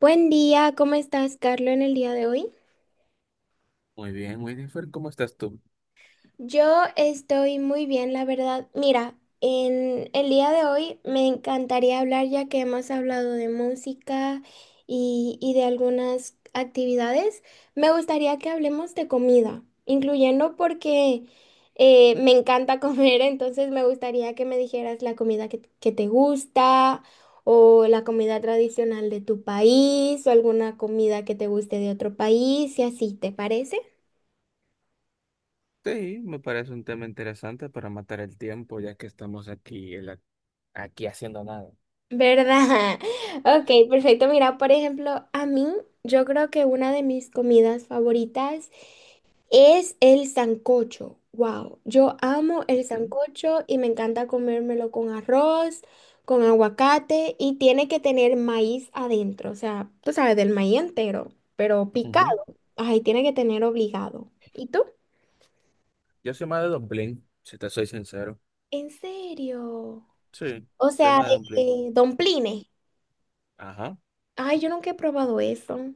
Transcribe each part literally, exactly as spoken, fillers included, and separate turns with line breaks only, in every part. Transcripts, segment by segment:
Buen día, ¿cómo estás, Carlos, en el día de hoy?
Muy bien, Winifred, ¿cómo estás tú?
Yo estoy muy bien, la verdad. Mira, en el día de hoy me encantaría hablar ya que hemos hablado de música y, y de algunas actividades. Me gustaría que hablemos de comida, incluyendo porque eh, me encanta comer, entonces me gustaría que me dijeras la comida que, que te gusta o la comida tradicional de tu país o alguna comida que te guste de otro país y así, ¿te parece?
Sí, me parece un tema interesante para matar el tiempo, ya que estamos aquí en la.
¿Verdad? Ok, perfecto. Mira, por ejemplo, a mí yo creo que una de mis comidas favoritas es el sancocho. Wow, yo amo el
Ujú,
sancocho y me encanta comérmelo con arroz, con aguacate y tiene que tener maíz adentro, o sea, tú sabes, del maíz entero, pero picado.
ujú.
Ay, tiene que tener obligado. ¿Y tú?
Yo soy más de dumpling, si te soy sincero.
¿En serio?
Sí,
O
soy
sea,
más de
de,
dumpling.
de domplines.
Ajá.
Ay, yo nunca he probado eso.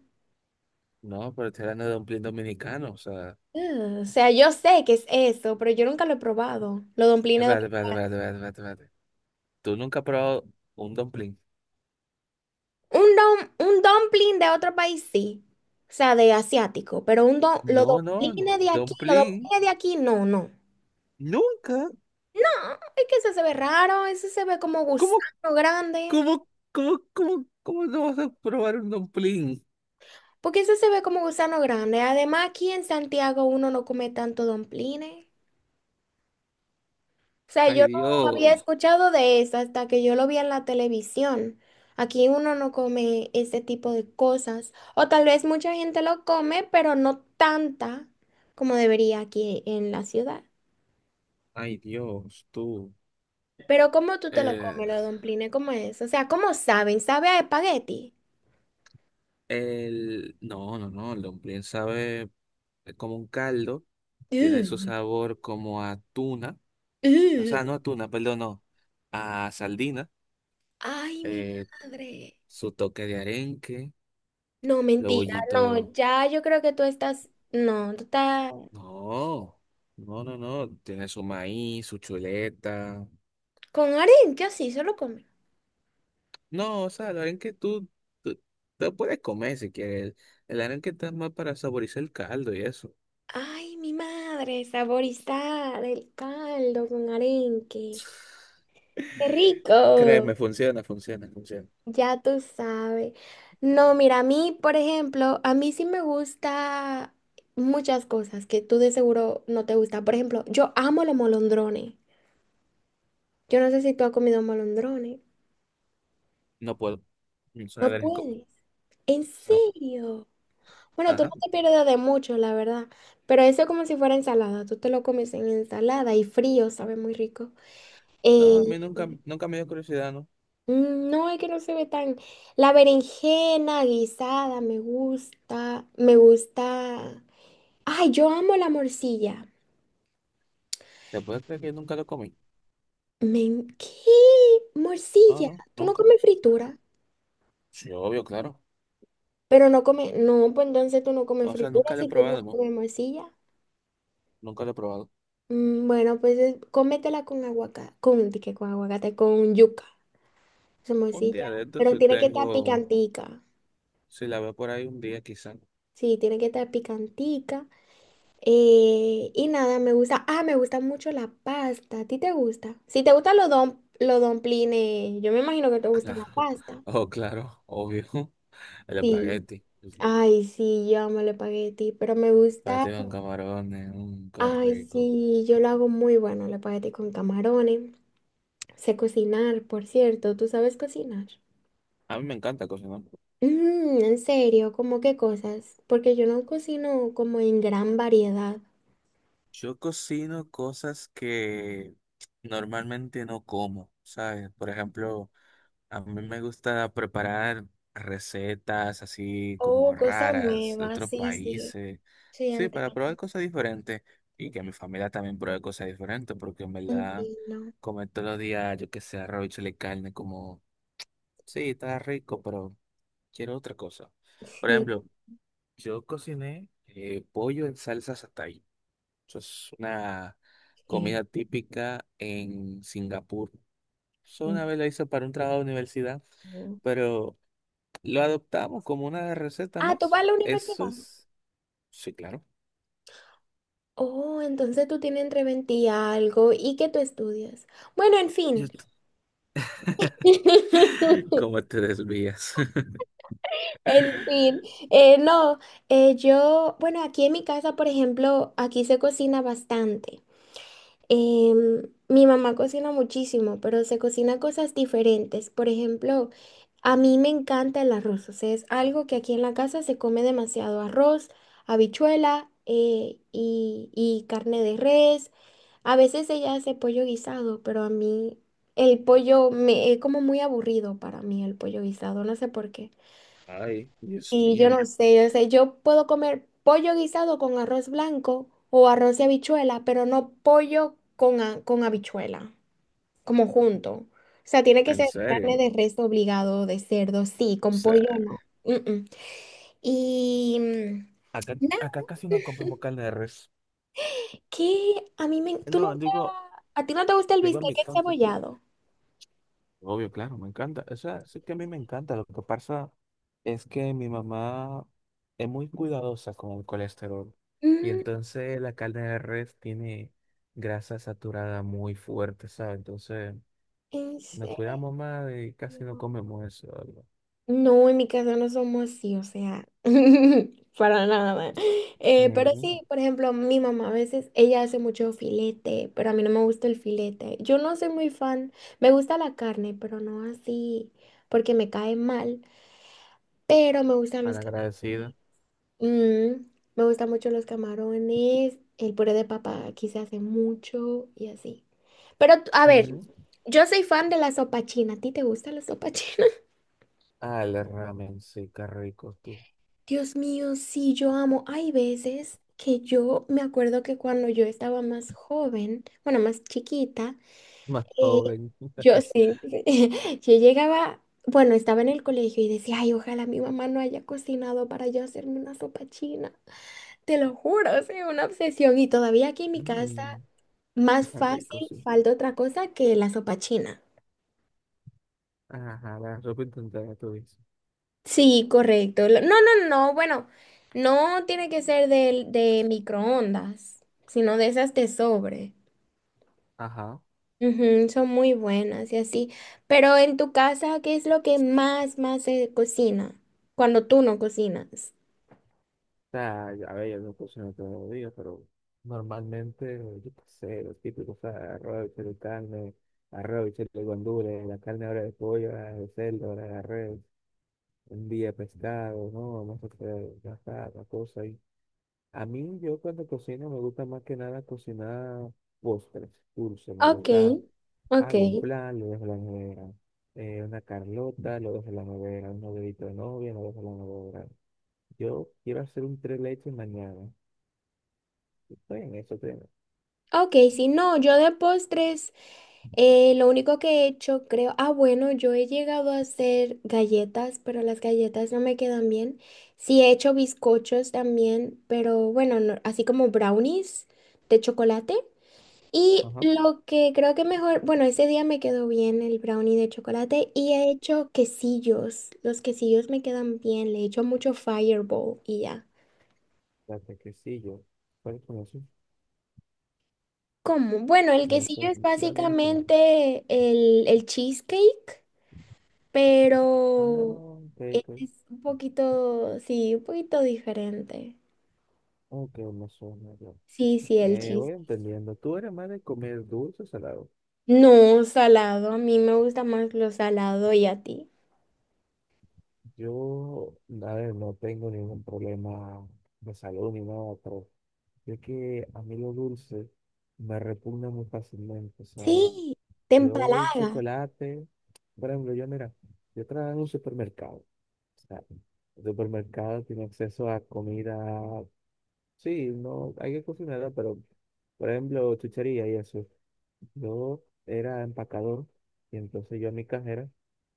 No, pero estoy hablando de dumpling dominicano, o sea.
Ah, o sea, yo sé que es eso, pero yo nunca lo he probado. Los dumplings de...
Espérate, espérate, espérate, espérate, espérate. Espérate. ¿Tú nunca has probado un dumpling?
Un, dum- un dumpling de otro país, sí. O sea, de asiático. Pero un dum- los
No, no,
dumplings de aquí, los
dumpling.
dumplings de aquí, no, no.
Nunca.
No, es que ese se ve raro, ese se ve como gusano
¿Cómo,
grande.
cómo, cómo, cómo, cómo no vas a probar un dumpling?
Porque ese se ve como gusano grande. Además, aquí en Santiago uno no come tanto dumplings. O sea, yo
Ay,
no había
Dios.
escuchado de eso hasta que yo lo vi en la televisión. Aquí uno no come ese tipo de cosas. O tal vez mucha gente lo come, pero no tanta como debería aquí en la ciudad.
Ay, Dios, tú.
Pero ¿cómo tú te lo
Eh,
comes, los domplines? ¿Cómo es? O sea, ¿cómo saben? ¿Sabe a espagueti?
El, no, no, no, el dumpling sabe es como un caldo, tiene su
Ugh,
sabor como a tuna, o
ugh.
sea, no a tuna, perdón, no, a sardina,
Ay, mi
eh,
madre.
su toque de arenque,
No,
los
mentira. No,
bollitos,
ya yo creo que tú estás... No, tú estás...
no, no, no, no, tiene su maíz, su chuleta,
Con harina, yo sí, solo come.
no, o sea, el arenque tú, tú lo puedes comer si quieres, el arenque está más para saborizar el caldo y eso,
Ay, mi madre, saborizar el caldo con arenque. ¡Qué rico!
créeme, funciona, funciona, funciona,
Ya tú sabes. No, mira, a mí, por ejemplo, a mí sí me gusta muchas cosas que tú de seguro no te gusta. Por ejemplo, yo amo los molondrones. Yo no sé si tú has comido molondrones.
no puedo, no soy
No
alérgico.
puedes. ¿En
No.
serio? Bueno, tú no
Ajá.
te pierdes de mucho, la verdad. Pero eso es como si fuera ensalada. Tú te lo comes en ensalada y frío, sabe muy rico. Eh,
No, a mí nunca, nunca me dio curiosidad, ¿no?
Mm, no, es que no se ve tan... La berenjena guisada me gusta, me gusta... Ay, yo amo la morcilla.
¿Te puedes creer que nunca lo comí?
Me... en- ¿Qué?
No,
Morcilla.
no,
¿Tú no
nunca.
comes fritura?
Sí, obvio, claro.
Pero no comes... No, pues entonces tú no comes
O sea,
fritura
nunca lo he
si tú no
probado, ¿no?
comes morcilla.
Nunca lo he probado.
Mm, bueno, pues es- cómetela con aguacate, con, di que con aguacate, con yuca. Esa
Un
morcilla.
día de estos,
Pero
si
tiene que estar
tengo,
picantica.
si la veo por ahí un día, quizá.
Sí, tiene que estar picantica. Eh, y nada, me gusta. Ah, me gusta mucho la pasta. ¿A ti te gusta? Si te gustan los don, los domplines, yo me imagino que te gusta
Claro.
la pasta.
Oh, claro, obvio. El
Sí.
espagueti. El
Ay, sí, yo amo el espagueti, pero me gusta.
espagueti con camarones, un qué
Ay,
rico.
sí, yo lo hago muy bueno, el espagueti con camarones. Sé cocinar, por cierto. ¿Tú sabes cocinar?
A mí me encanta cocinar.
Mm, en serio, ¿cómo qué cosas? Porque yo no cocino como en gran variedad.
Yo cocino cosas que normalmente no como, ¿sabes? Por ejemplo, a mí me gusta preparar recetas así como
Oh, cosa
raras de
nueva,
otros
sí, sí.
países,
Sí,
sí, para probar
entiendo.
cosas diferentes y que mi familia también pruebe cosas diferentes, porque en verdad
Entiendo.
comer todos los días, yo que sé, arroz y chile carne, como, sí, está rico, pero quiero otra cosa. Por
Sí.
ejemplo, yo cociné eh, pollo en salsa satay. Eso es una
Sí,
comida típica en Singapur. Solo una vez lo hice para un trabajo de universidad,
sí.
pero lo adoptamos como una receta
Ah, ¿tú
más.
vas a la universidad?
Eso es, sí, claro.
Oh, entonces tú tienes entre veinte y algo. ¿Y qué tú estudias? Bueno, en
Yo
fin.
t- ¿Cómo te desvías?
En fin. Eh, no, eh, yo, bueno, aquí en mi casa, por ejemplo, aquí se cocina bastante. Em, Mi mamá cocina muchísimo, pero se cocina cosas diferentes. Por ejemplo, a mí me encanta el arroz. O sea, es algo que aquí en la casa se come demasiado arroz, habichuela eh, y, y carne de res. A veces ella hace pollo guisado, pero a mí el pollo me es como muy aburrido para mí el pollo guisado. No sé por qué.
Ay, Dios
Y yo
mío,
no sé, yo sé, yo puedo comer pollo guisado con arroz blanco o arroz y habichuela, pero no pollo con, a- con habichuela, como junto. O sea, tiene que
en
ser carne
serio. O
de res obligado, de cerdo, sí, con pollo
sea,
no. Mm, mm. Y mm,
acá,
nada,
acá casi no comemos carne de res.
que a mí me... ¿Tú
No,
nunca...
digo,
¿A ti no te gusta el
digo en
bistec
mi caso.
encebollado?
Obvio, claro, me encanta. O sea, sí que a mí me encanta. Lo que pasa es que mi mamá es muy cuidadosa con el colesterol. Y
Mm,
entonces la carne de res tiene grasa saturada muy fuerte, ¿sabes? Entonces
¿en
nos
serio?
cuidamos más y casi no comemos eso. ¿Verdad?
No, en mi casa no somos así, o sea, para nada. Eh, pero
Ujú,
sí, por ejemplo, mi mamá a veces, ella hace mucho filete, pero a mí no me gusta el filete. Yo no soy muy fan, me gusta la carne, pero no así, porque me cae mal, pero me gustan los camarones.
malagradecida.
Mm, me gustan mucho los camarones, el puré de papa aquí se hace mucho y así. Pero, a ver,
Ujú.
yo soy fan de la sopa china, ¿a ti te gusta la sopa china?
Ah, el ramen, sí, qué rico tú.
Dios mío, sí, yo amo. Hay veces que yo me acuerdo que cuando yo estaba más joven, bueno, más chiquita,
Más
eh,
joven.
yo sí, yo llegaba, bueno, estaba en el colegio y decía, ay, ojalá mi mamá no haya cocinado para yo hacerme una sopa china. Te lo juro, es una obsesión. Y todavía aquí en mi casa,
Mm,
más
qué
fácil
rico, sí.
falta otra cosa que la sopa china.
Ajá, la sopa instantánea, tú dices.
Sí, correcto. Lo- No, no, no, no, bueno, no tiene que ser de, de microondas, sino de esas de sobre.
Ajá.
Ujú, son muy buenas y así. Pero en tu casa, ¿qué es lo que más, más se cocina cuando tú no cocinas?
Sea, a ver, yo no cocino todos los días, pero normalmente, yo qué sé, los típicos, o sea, arroz, bichuela y carne, arroz, bichuela y guandules, la carne ahora de pollo, ahora de cerdo, ahora de res, un día pescado, no, vamos a hacer gastar la cosa ahí. A mí, yo cuando cocino, me gusta más que nada cocinar postres, dulces, me
Ok,
gusta,
ok,
hago un flan, lo dejo en la nevera, eh, una carlota, lo dejo en la nevera, un novedito de novia, lo dejo en la nevera. Yo quiero hacer un tres leches mañana. Estoy en eso, estoy en eso.
ok, si no, yo de postres. Eh, lo único que he hecho, creo, ah, bueno, yo he llegado a hacer galletas, pero las galletas no me quedan bien. Sí, he hecho bizcochos también, pero bueno, no- así como brownies de chocolate. Y
Ajá.
lo que creo que mejor, bueno, ese día me quedó bien el brownie de chocolate y he hecho quesillos. Los quesillos me quedan bien, le he hecho mucho fireball y ya.
La yo. ¿Cuál es uno?
¿Cómo? Bueno, el
No me
quesillo
suena.
es
No, no me suena.
básicamente el, el cheesecake.
Ah,
Pero
ok,
e-,
ok.
es un poquito, sí, un poquito diferente.
Ok, me suena yo.
Sí, sí, el
Eh, voy
chiste.
entendiendo. Tú eres más de comer dulce o salado.
No, salado, a mí me gusta más lo salado y a ti.
Yo, a ver, no tengo ningún problema de salud ni nada, pero es que a mí lo dulce me repugna muy fácilmente. O sea,
Sí, te
yo un
empalaga.
chocolate, por ejemplo, yo mira, yo trabajo en un supermercado. O sea, el supermercado tiene acceso a comida. Sí, no, hay que cocinarla, pero por ejemplo, chuchería y eso. Yo era empacador y entonces yo a mi cajera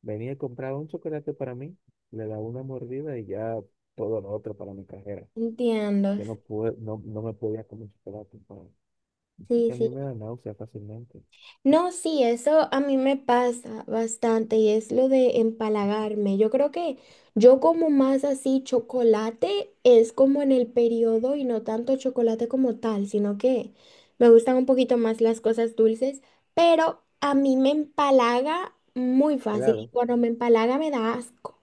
venía y compraba un chocolate para mí, le daba una mordida y ya todo lo otro para mi cajera.
Entiendo.
Yo no pude, no, no me podía comer chocolate, pa-
Sí,
que a mí me
sí.
da náusea fácilmente.
No, sí, eso a mí me pasa bastante y es lo de empalagarme. Yo creo que yo como más así chocolate es como en el periodo y no tanto chocolate como tal, sino que me gustan un poquito más las cosas dulces, pero a mí me empalaga muy fácil y
Helado,
cuando me empalaga me da asco.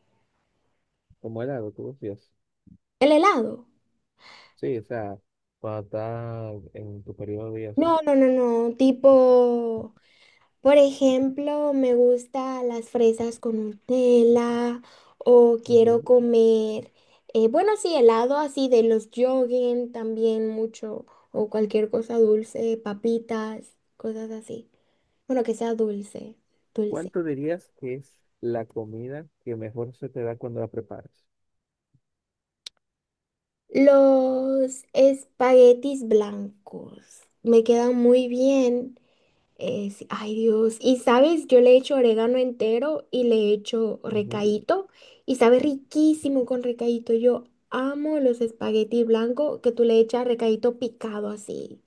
como helado, tú decías.
El helado.
Sí, o sea, cuando estás en tu periodo y eso.
No, no, no, no, tipo... Por ejemplo, me gusta las fresas con Nutella o quiero
Ujú.
comer, eh, bueno, sí, helado así de los yoguen también mucho o cualquier cosa dulce, papitas, cosas así. Bueno, que sea dulce, dulce.
¿Cuánto dirías que es la comida que mejor se te da cuando la preparas?
Los espaguetis blancos me quedan muy bien. Eh, sí, ay Dios, y sabes, yo le he hecho orégano entero y le he hecho
Ujú.
recaíto y sabe riquísimo con recaíto. Yo amo los espaguetis blancos que tú le echas recaíto picado así.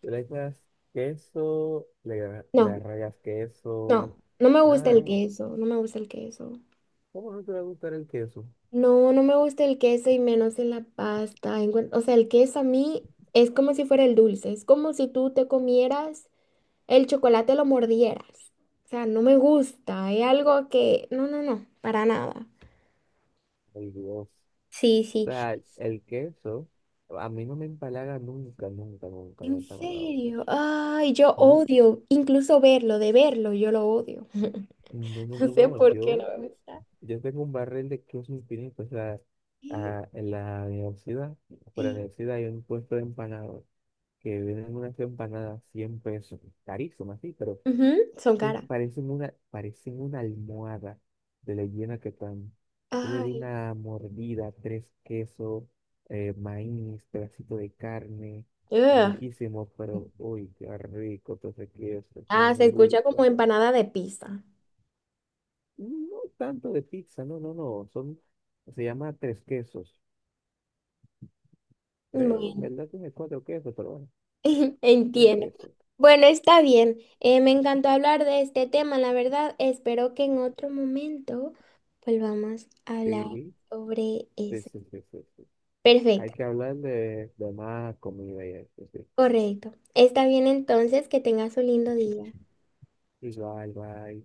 Tú le echas queso, le, le
No,
rayas
no,
queso,
no me gusta
nada de
el No.
eso.
queso, no me gusta el queso.
¿Cómo no te va a gustar el queso?
No, no me gusta el queso y menos en la pasta. Encuen- O sea, el queso a mí es como si fuera el dulce, es como si tú te comieras el chocolate, lo mordieras. O sea, no me gusta, es algo que, no, no, no, para nada.
Ay, Dios. O
Sí, sí.
sea, el queso, a mí no me empalaga nunca, nunca, nunca me ha
En
empalagado el
serio.
queso.
Ay, yo
No,
odio incluso verlo, de verlo, yo lo odio.
no, no,
No
no,
No, sé no,
no.
por qué no
Yo,
me gusta.
yo tengo un barril de queso infinito. O sea,
Y,
a- en la universidad, por la
y-
universidad hay un puesto de empanadas que venden unas empanadas cien pesos, carísimas, sí, pero
Ujú,
es
son
que
caras.
parecen una, parecen una almohada de la hiena que están. Yo le di
Ay.
una mordida, tres quesos, eh, maíz, pedacito de carne,
Ugh.
riquísimo, pero uy, qué rico todo ese queso, cómo
Ah, se
me
escucha como
gusta.
empanada de pizza.
No tanto de pizza, no, no, no, son, se llama tres quesos. Tres, en
Bueno,
verdad tiene cuatro quesos, pero bueno, tres
entiendo.
quesos.
Bueno, está bien. Eh, me encantó hablar de este tema, la verdad. Espero que en otro momento volvamos a hablar
Sí,
sobre
sí,
eso.
sí, sí, sí, sí. Hay
Perfecto,
que hablar de, de, más comida y eso, sí.
correcto. Está bien entonces, que tengas un lindo día.
Igual, bye.